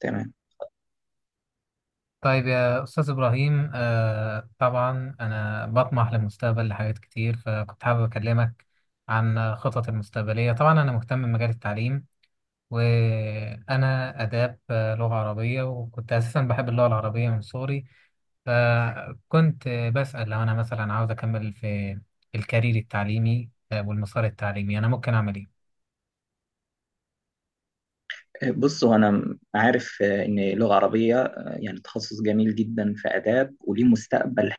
تمام. طيب يا أستاذ إبراهيم طبعا أنا بطمح للمستقبل لحاجات كتير، فكنت حابب أكلمك عن خطط المستقبلية. طبعا أنا مهتم بمجال التعليم، وأنا آداب، لغة عربية، وكنت أساسا بحب اللغة العربية من صغري. فكنت بسأل لو أنا مثلا عاوز أكمل في الكارير التعليمي والمسار التعليمي، أنا ممكن أعمل إيه؟ بص هو انا عارف ان لغه عربيه يعني تخصص جميل جدا في اداب وليه مستقبل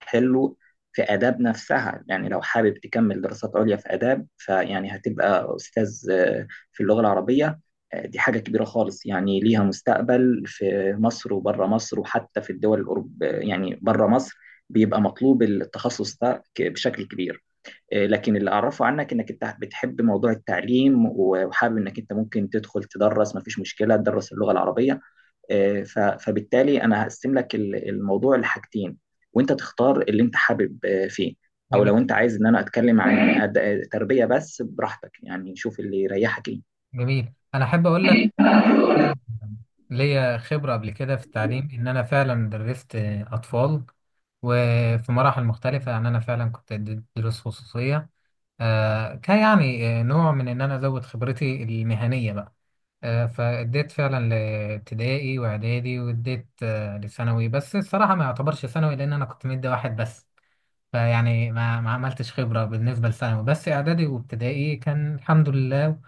حلو. في اداب نفسها يعني لو حابب تكمل دراسات عليا في اداب فيعني هتبقى استاذ في اللغه العربيه. دي حاجه كبيره خالص يعني ليها مستقبل في مصر وبره مصر وحتى في الدول الأوروب، يعني بره مصر بيبقى مطلوب التخصص ده بشكل كبير. لكن اللي اعرفه عنك انك انت بتحب موضوع التعليم وحابب انك انت ممكن تدخل تدرس، مفيش مشكله تدرس اللغه العربيه. فبالتالي انا هقسم لك الموضوع لحاجتين وانت تختار اللي انت حابب فيه. او جميل. لو انت عايز ان انا اتكلم عن تربيه، بس براحتك يعني شوف اللي يريحك ايه. جميل، أنا أحب أقول لك ليا خبرة قبل كده في التعليم، إن أنا فعلا درست أطفال وفي مراحل مختلفة. يعني أنا فعلا كنت أدي دروس خصوصية، كان يعني نوع من إن أنا أزود خبرتي المهنية بقى. فأديت فعلا لابتدائي وإعدادي، وأديت لثانوي، بس الصراحة ما يعتبرش ثانوي لأن أنا كنت مدي واحد بس. فيعني ما عملتش خبرة بالنسبة لثانوي، بس إعدادي وابتدائي كان الحمد لله.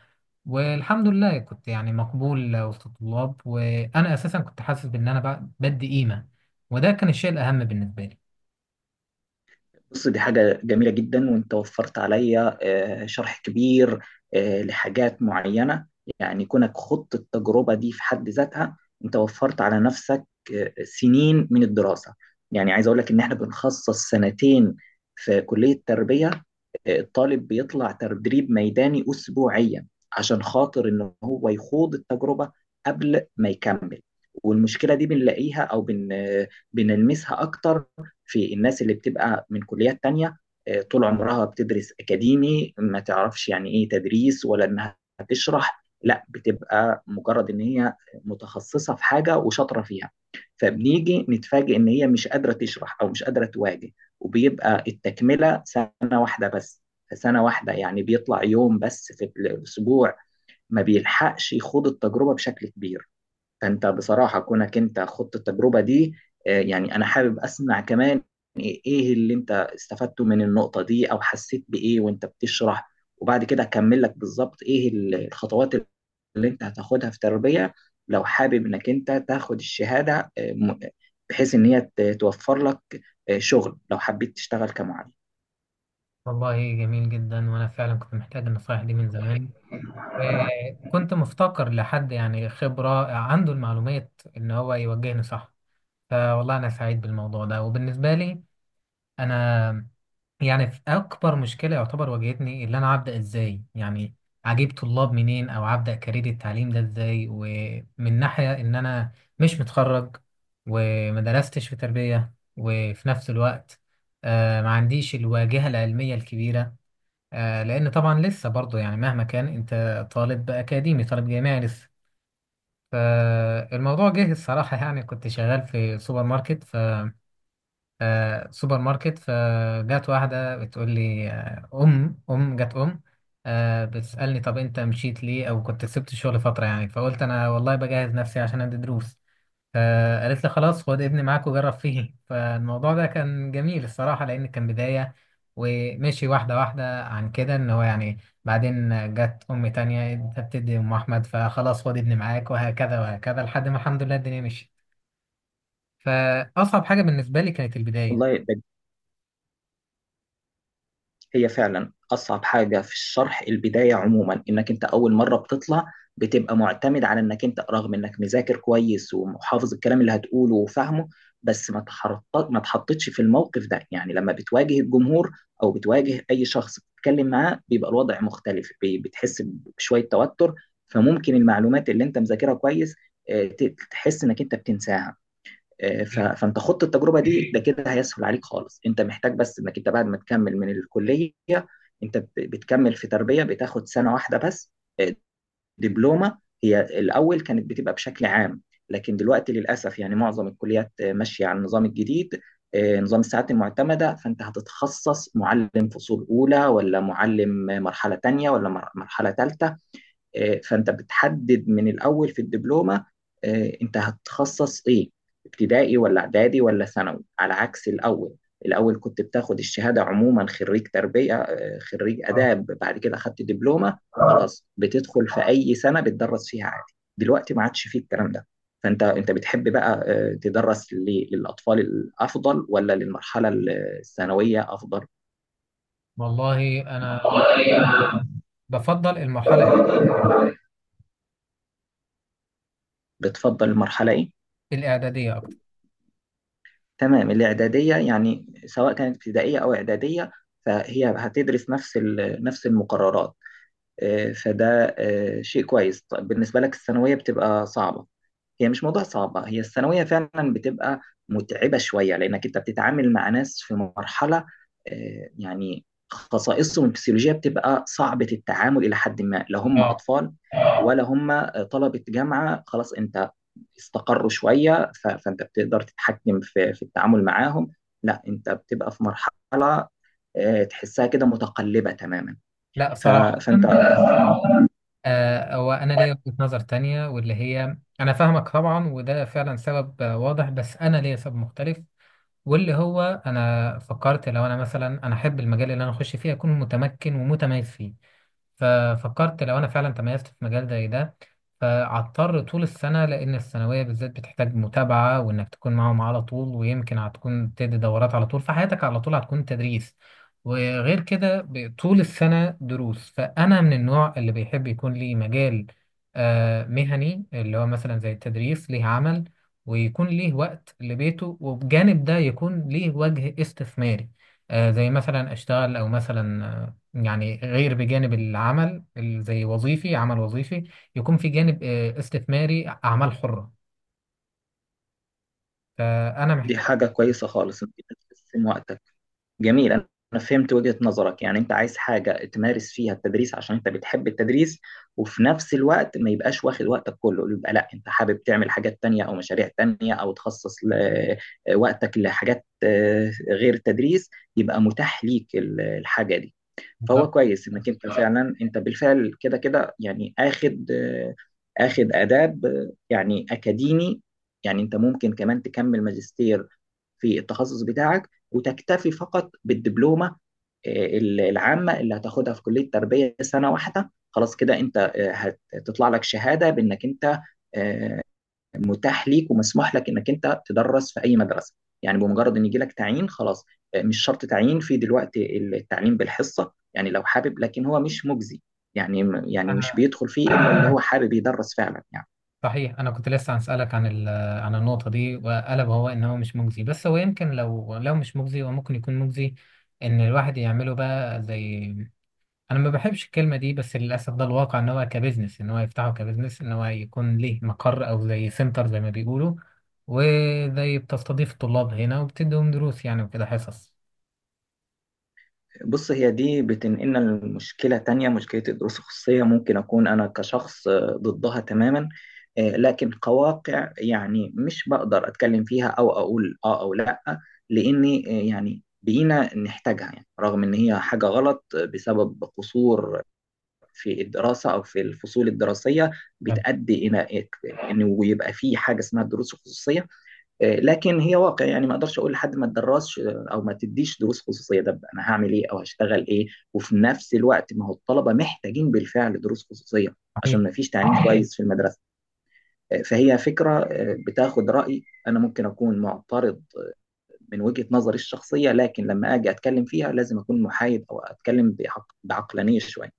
والحمد لله كنت يعني مقبول وسط الطلاب، وانا اساسا كنت حاسس بان انا بدي قيمه، وده كان الشيء الاهم بالنسبه لي. بص دي حاجة جميلة جدا وانت وفرت عليا شرح كبير لحاجات معينة. يعني كونك خضت التجربة دي في حد ذاتها انت وفرت على نفسك سنين من الدراسة. يعني عايز اقول لك ان احنا بنخصص سنتين في كلية التربية. الطالب بيطلع تدريب ميداني أسبوعيا عشان خاطر إن هو يخوض التجربة قبل ما يكمل. والمشكلة دي بنلاقيها أو بن بنلمسها أكتر في الناس اللي بتبقى من كليات تانية، طول عمرها بتدرس أكاديمي، ما تعرفش يعني إيه تدريس ولا إنها تشرح، لا بتبقى مجرد إن هي متخصصة في حاجة وشاطرة فيها. فبنيجي نتفاجئ إن هي مش قادرة تشرح أو مش قادرة تواجه. وبيبقى التكملة سنة واحدة بس، في سنة واحدة يعني بيطلع يوم بس في الأسبوع، ما بيلحقش يخوض التجربة بشكل كبير. فأنت بصراحة كونك أنت خضت التجربة دي، يعني أنا حابب أسمع كمان إيه اللي أنت استفدته من النقطة دي أو حسيت بإيه وأنت بتشرح، وبعد كده أكمل لك بالظبط إيه الخطوات اللي أنت هتاخدها في تربية لو حابب إنك أنت تاخد الشهادة، بحيث إن هي توفر لك شغل لو حبيت تشتغل كمعلم. والله جميل جدا، وانا فعلا كنت محتاج النصائح دي من زمان. كنت مفتقر لحد يعني خبره عنده المعلومات ان هو يوجهني صح. فوالله انا سعيد بالموضوع ده. وبالنسبه لي انا، يعني في اكبر مشكله يعتبر واجهتني، اللي انا هبدا ازاي يعني اجيب طلاب منين، او هبدا كارير التعليم ده ازاي، ومن ناحيه ان انا مش متخرج وما درستش في تربيه. وفي نفس الوقت ما عنديش الواجهه العلميه الكبيره، لان طبعا لسه برضه يعني مهما كان انت طالب اكاديمي طالب جامعي لسه. فالموضوع جه الصراحه، يعني كنت شغال في سوبر ماركت فجت واحدة بتقول لي، أم أم جت أم، بتسألني طب أنت مشيت ليه أو كنت سبت الشغل فترة. يعني فقلت أنا والله بجهز نفسي عشان أدي دروس، فقالت لي خلاص خد ابني معاك وجرب فيه. فالموضوع ده كان جميل الصراحة لأن كان بداية، ومشي واحدة واحدة عن كده إن هو يعني، بعدين جت أم تانية أنت بتدي أم أحمد فخلاص خد ابني معاك، وهكذا وهكذا لحد ما الحمد لله الدنيا مشيت. فأصعب حاجة بالنسبة لي كانت البداية. والله ده هي فعلا أصعب حاجة في الشرح، البداية عموما إنك أنت أول مرة بتطلع بتبقى معتمد على إنك أنت رغم إنك مذاكر كويس وحافظ الكلام اللي هتقوله وفاهمه، بس ما تحطتش في الموقف ده. يعني لما بتواجه الجمهور أو بتواجه أي شخص بتتكلم معاه بيبقى الوضع مختلف، بتحس بشوية توتر. فممكن المعلومات اللي أنت مذاكرها كويس تحس إنك أنت بتنساها. فانت خدت التجربه دي ده كده هيسهل عليك خالص. انت محتاج بس انك انت بعد ما تكمل من الكليه انت بتكمل في تربيه بتاخد سنه واحده بس. آه، دبلومه، هي الاول كانت بتبقى بشكل عام، لكن دلوقتي للاسف يعني معظم الكليات ماشيه على النظام الجديد، نظام الساعات المعتمده. فانت هتتخصص معلم فصول اولى ولا معلم مرحله تانيه ولا مرحله ثالثه. فانت بتحدد من الاول في الدبلومه انت هتتخصص ايه، ابتدائي ولا اعدادي ولا ثانوي، على عكس الاول. الاول كنت بتاخد الشهاده عموما خريج تربيه خريج اداب، بعد كده خدت دبلومه خلاص بتدخل في اي سنه بتدرس فيها عادي. دلوقتي ما عادش فيه الكلام ده. فانت بتحب بقى تدرس للاطفال الافضل ولا للمرحله الثانويه افضل؟ والله انا بفضل المرحله بتفضل المرحله ايه؟ الاعداديه اكتر. تمام، الإعدادية يعني سواء كانت ابتدائية أو إعدادية فهي هتدرس نفس نفس المقررات. فده شيء كويس. طيب بالنسبة لك الثانوية بتبقى صعبة، هي مش موضوع صعبة، هي الثانوية فعلا بتبقى متعبة شوية لأنك أنت بتتعامل مع ناس في مرحلة يعني خصائصهم الفسيولوجية بتبقى صعبة التعامل إلى حد ما. لا هم اه. أطفال ولا هم طلبة جامعة خلاص أنت استقروا شوية فأنت بتقدر تتحكم في التعامل معاهم، لا أنت بتبقى في مرحلة تحسها كده متقلبة تماما. لا ف- صراحه. فأنت هو انا ليا وجهه نظر تانية، واللي هي انا فاهمك طبعا، وده فعلا سبب واضح، بس انا ليا سبب مختلف. واللي هو انا فكرت لو انا مثلا انا احب المجال اللي انا اخش فيه اكون متمكن ومتميز فيه. ففكرت لو انا فعلا تميزت في مجال زي ده، فهضطر طول السنه لان الثانويه بالذات بتحتاج متابعه وانك تكون معاهم على طول، ويمكن هتكون تدي دورات على طول، فحياتك على طول هتكون تدريس. وغير كده طول السنه دروس. فانا من النوع اللي بيحب يكون لي مجال مهني، اللي هو مثلا زي التدريس ليه عمل ويكون ليه وقت لبيته، وبجانب ده يكون ليه وجه استثماري، زي مثلا اشتغل او مثلا يعني، غير بجانب العمل زي وظيفي عمل وظيفي، يكون في جانب استثماري أعمال حرة. فأنا دي محتاج. حاجة كويسة خالص أنت تحسن وقتك. جميل، أنا فهمت وجهة نظرك، يعني أنت عايز حاجة تمارس فيها التدريس عشان أنت بتحب التدريس، وفي نفس الوقت ما يبقاش واخد وقتك كله، يبقى لا أنت حابب تعمل حاجات تانية أو مشاريع تانية أو تخصص وقتك لحاجات غير التدريس، يبقى متاح ليك الحاجة دي. بالظبط. فهو كويس انك انت فعلا، انت بالفعل كده كده يعني اخد اخد اداب يعني اكاديمي. يعني انت ممكن كمان تكمل ماجستير في التخصص بتاعك وتكتفي فقط بالدبلومه العامه اللي هتاخدها في كليه تربيه سنه واحده. خلاص كده انت هتطلع لك شهاده بانك انت آه، متاح ليك ومسموح لك انك انت تدرس في اي مدرسه، يعني بمجرد ان يجي لك تعيين خلاص. مش شرط تعيين، في دلوقتي التعليم بالحصه يعني لو حابب، لكن هو مش مجزي يعني، مش أنا، بيدخل فيه الا اللي هو حابب يدرس فعلا يعني. صحيح أنا كنت لسه هسألك عن عن النقطة دي، وقلب هو إن هو مش مجزي، بس هو يمكن لو مش مجزي هو ممكن يكون مجزي إن الواحد يعمله بقى زي، انا ما بحبش الكلمه دي بس للاسف ده الواقع، ان هو كبزنس، ان هو يفتحه كبزنس، ان هو يكون ليه مقر او زي سنتر زي ما بيقولوا، وزي بتستضيف الطلاب هنا وبتديهم دروس يعني وكده حصص. بص هي دي بتنقلنا لمشكلة تانية، مشكلة الدروس الخصوصية. ممكن أكون أنا كشخص ضدها تماما، لكن كواقع يعني مش بقدر أتكلم فيها أو أقول آه أو لأ، لأني يعني بقينا نحتاجها، يعني رغم إن هي حاجة غلط بسبب قصور في الدراسة أو في الفصول الدراسية يعني بتؤدي إلى إنه يبقى في حاجة اسمها الدروس الخصوصية. لكن هي واقع، يعني ما اقدرش اقول لحد ما تدرسش او ما تديش دروس خصوصيه، ده انا هعمل ايه او هشتغل ايه؟ وفي نفس الوقت ما هو الطلبه محتاجين بالفعل دروس خصوصيه صحيح. عشان ما فيش تعليم كويس في المدرسه. فهي فكره بتاخد راي، انا ممكن اكون معترض من وجهه نظري الشخصيه، لكن لما اجي اتكلم فيها لازم اكون محايد او اتكلم بعقلانيه شويه.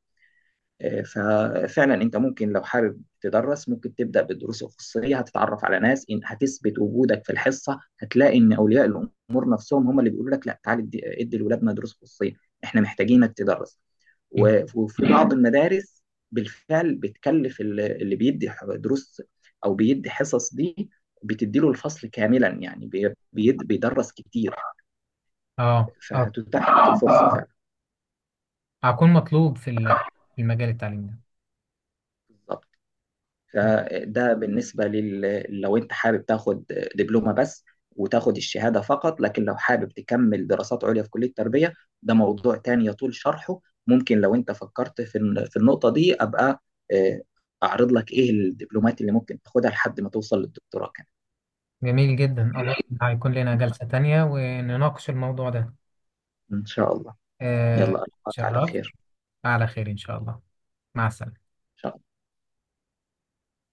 آه، ففعلا انت ممكن لو حابب تدرس ممكن تبدا بالدروس الخصوصيه، هتتعرف على ناس، إن هتثبت وجودك في الحصه هتلاقي ان اولياء الامور نفسهم هم اللي بيقولوا لك لا تعالى ادي لولادنا دروس خصوصيه احنا محتاجينك تدرس. وفي بعض المدارس بالفعل بتكلف اللي دروس او بيدي حصص دي، بتديله الفصل كاملا، يعني بيدرس كتير. اه، اه. فهتتاح لك الفرصه هكون مطلوب في في المجال التعليمي ده. فعلا. م. فده بالنسبة لل، لو أنت حابب تاخد دبلومة بس وتاخد الشهادة فقط. لكن لو حابب تكمل دراسات عليا في كلية التربية ده موضوع تاني يطول شرحه. ممكن لو أنت فكرت في في النقطة دي أبقى آه، أعرض لك إيه الدبلومات اللي ممكن تاخدها لحد ما توصل للدكتوراه كمان. جميل جدا. أظن هيكون لنا جلسة تانية ونناقش الموضوع ده. إن شاء الله، آه يلا ألقاك على شرفت. خير. على خير إن شاء الله. مع السلامة. إن شاء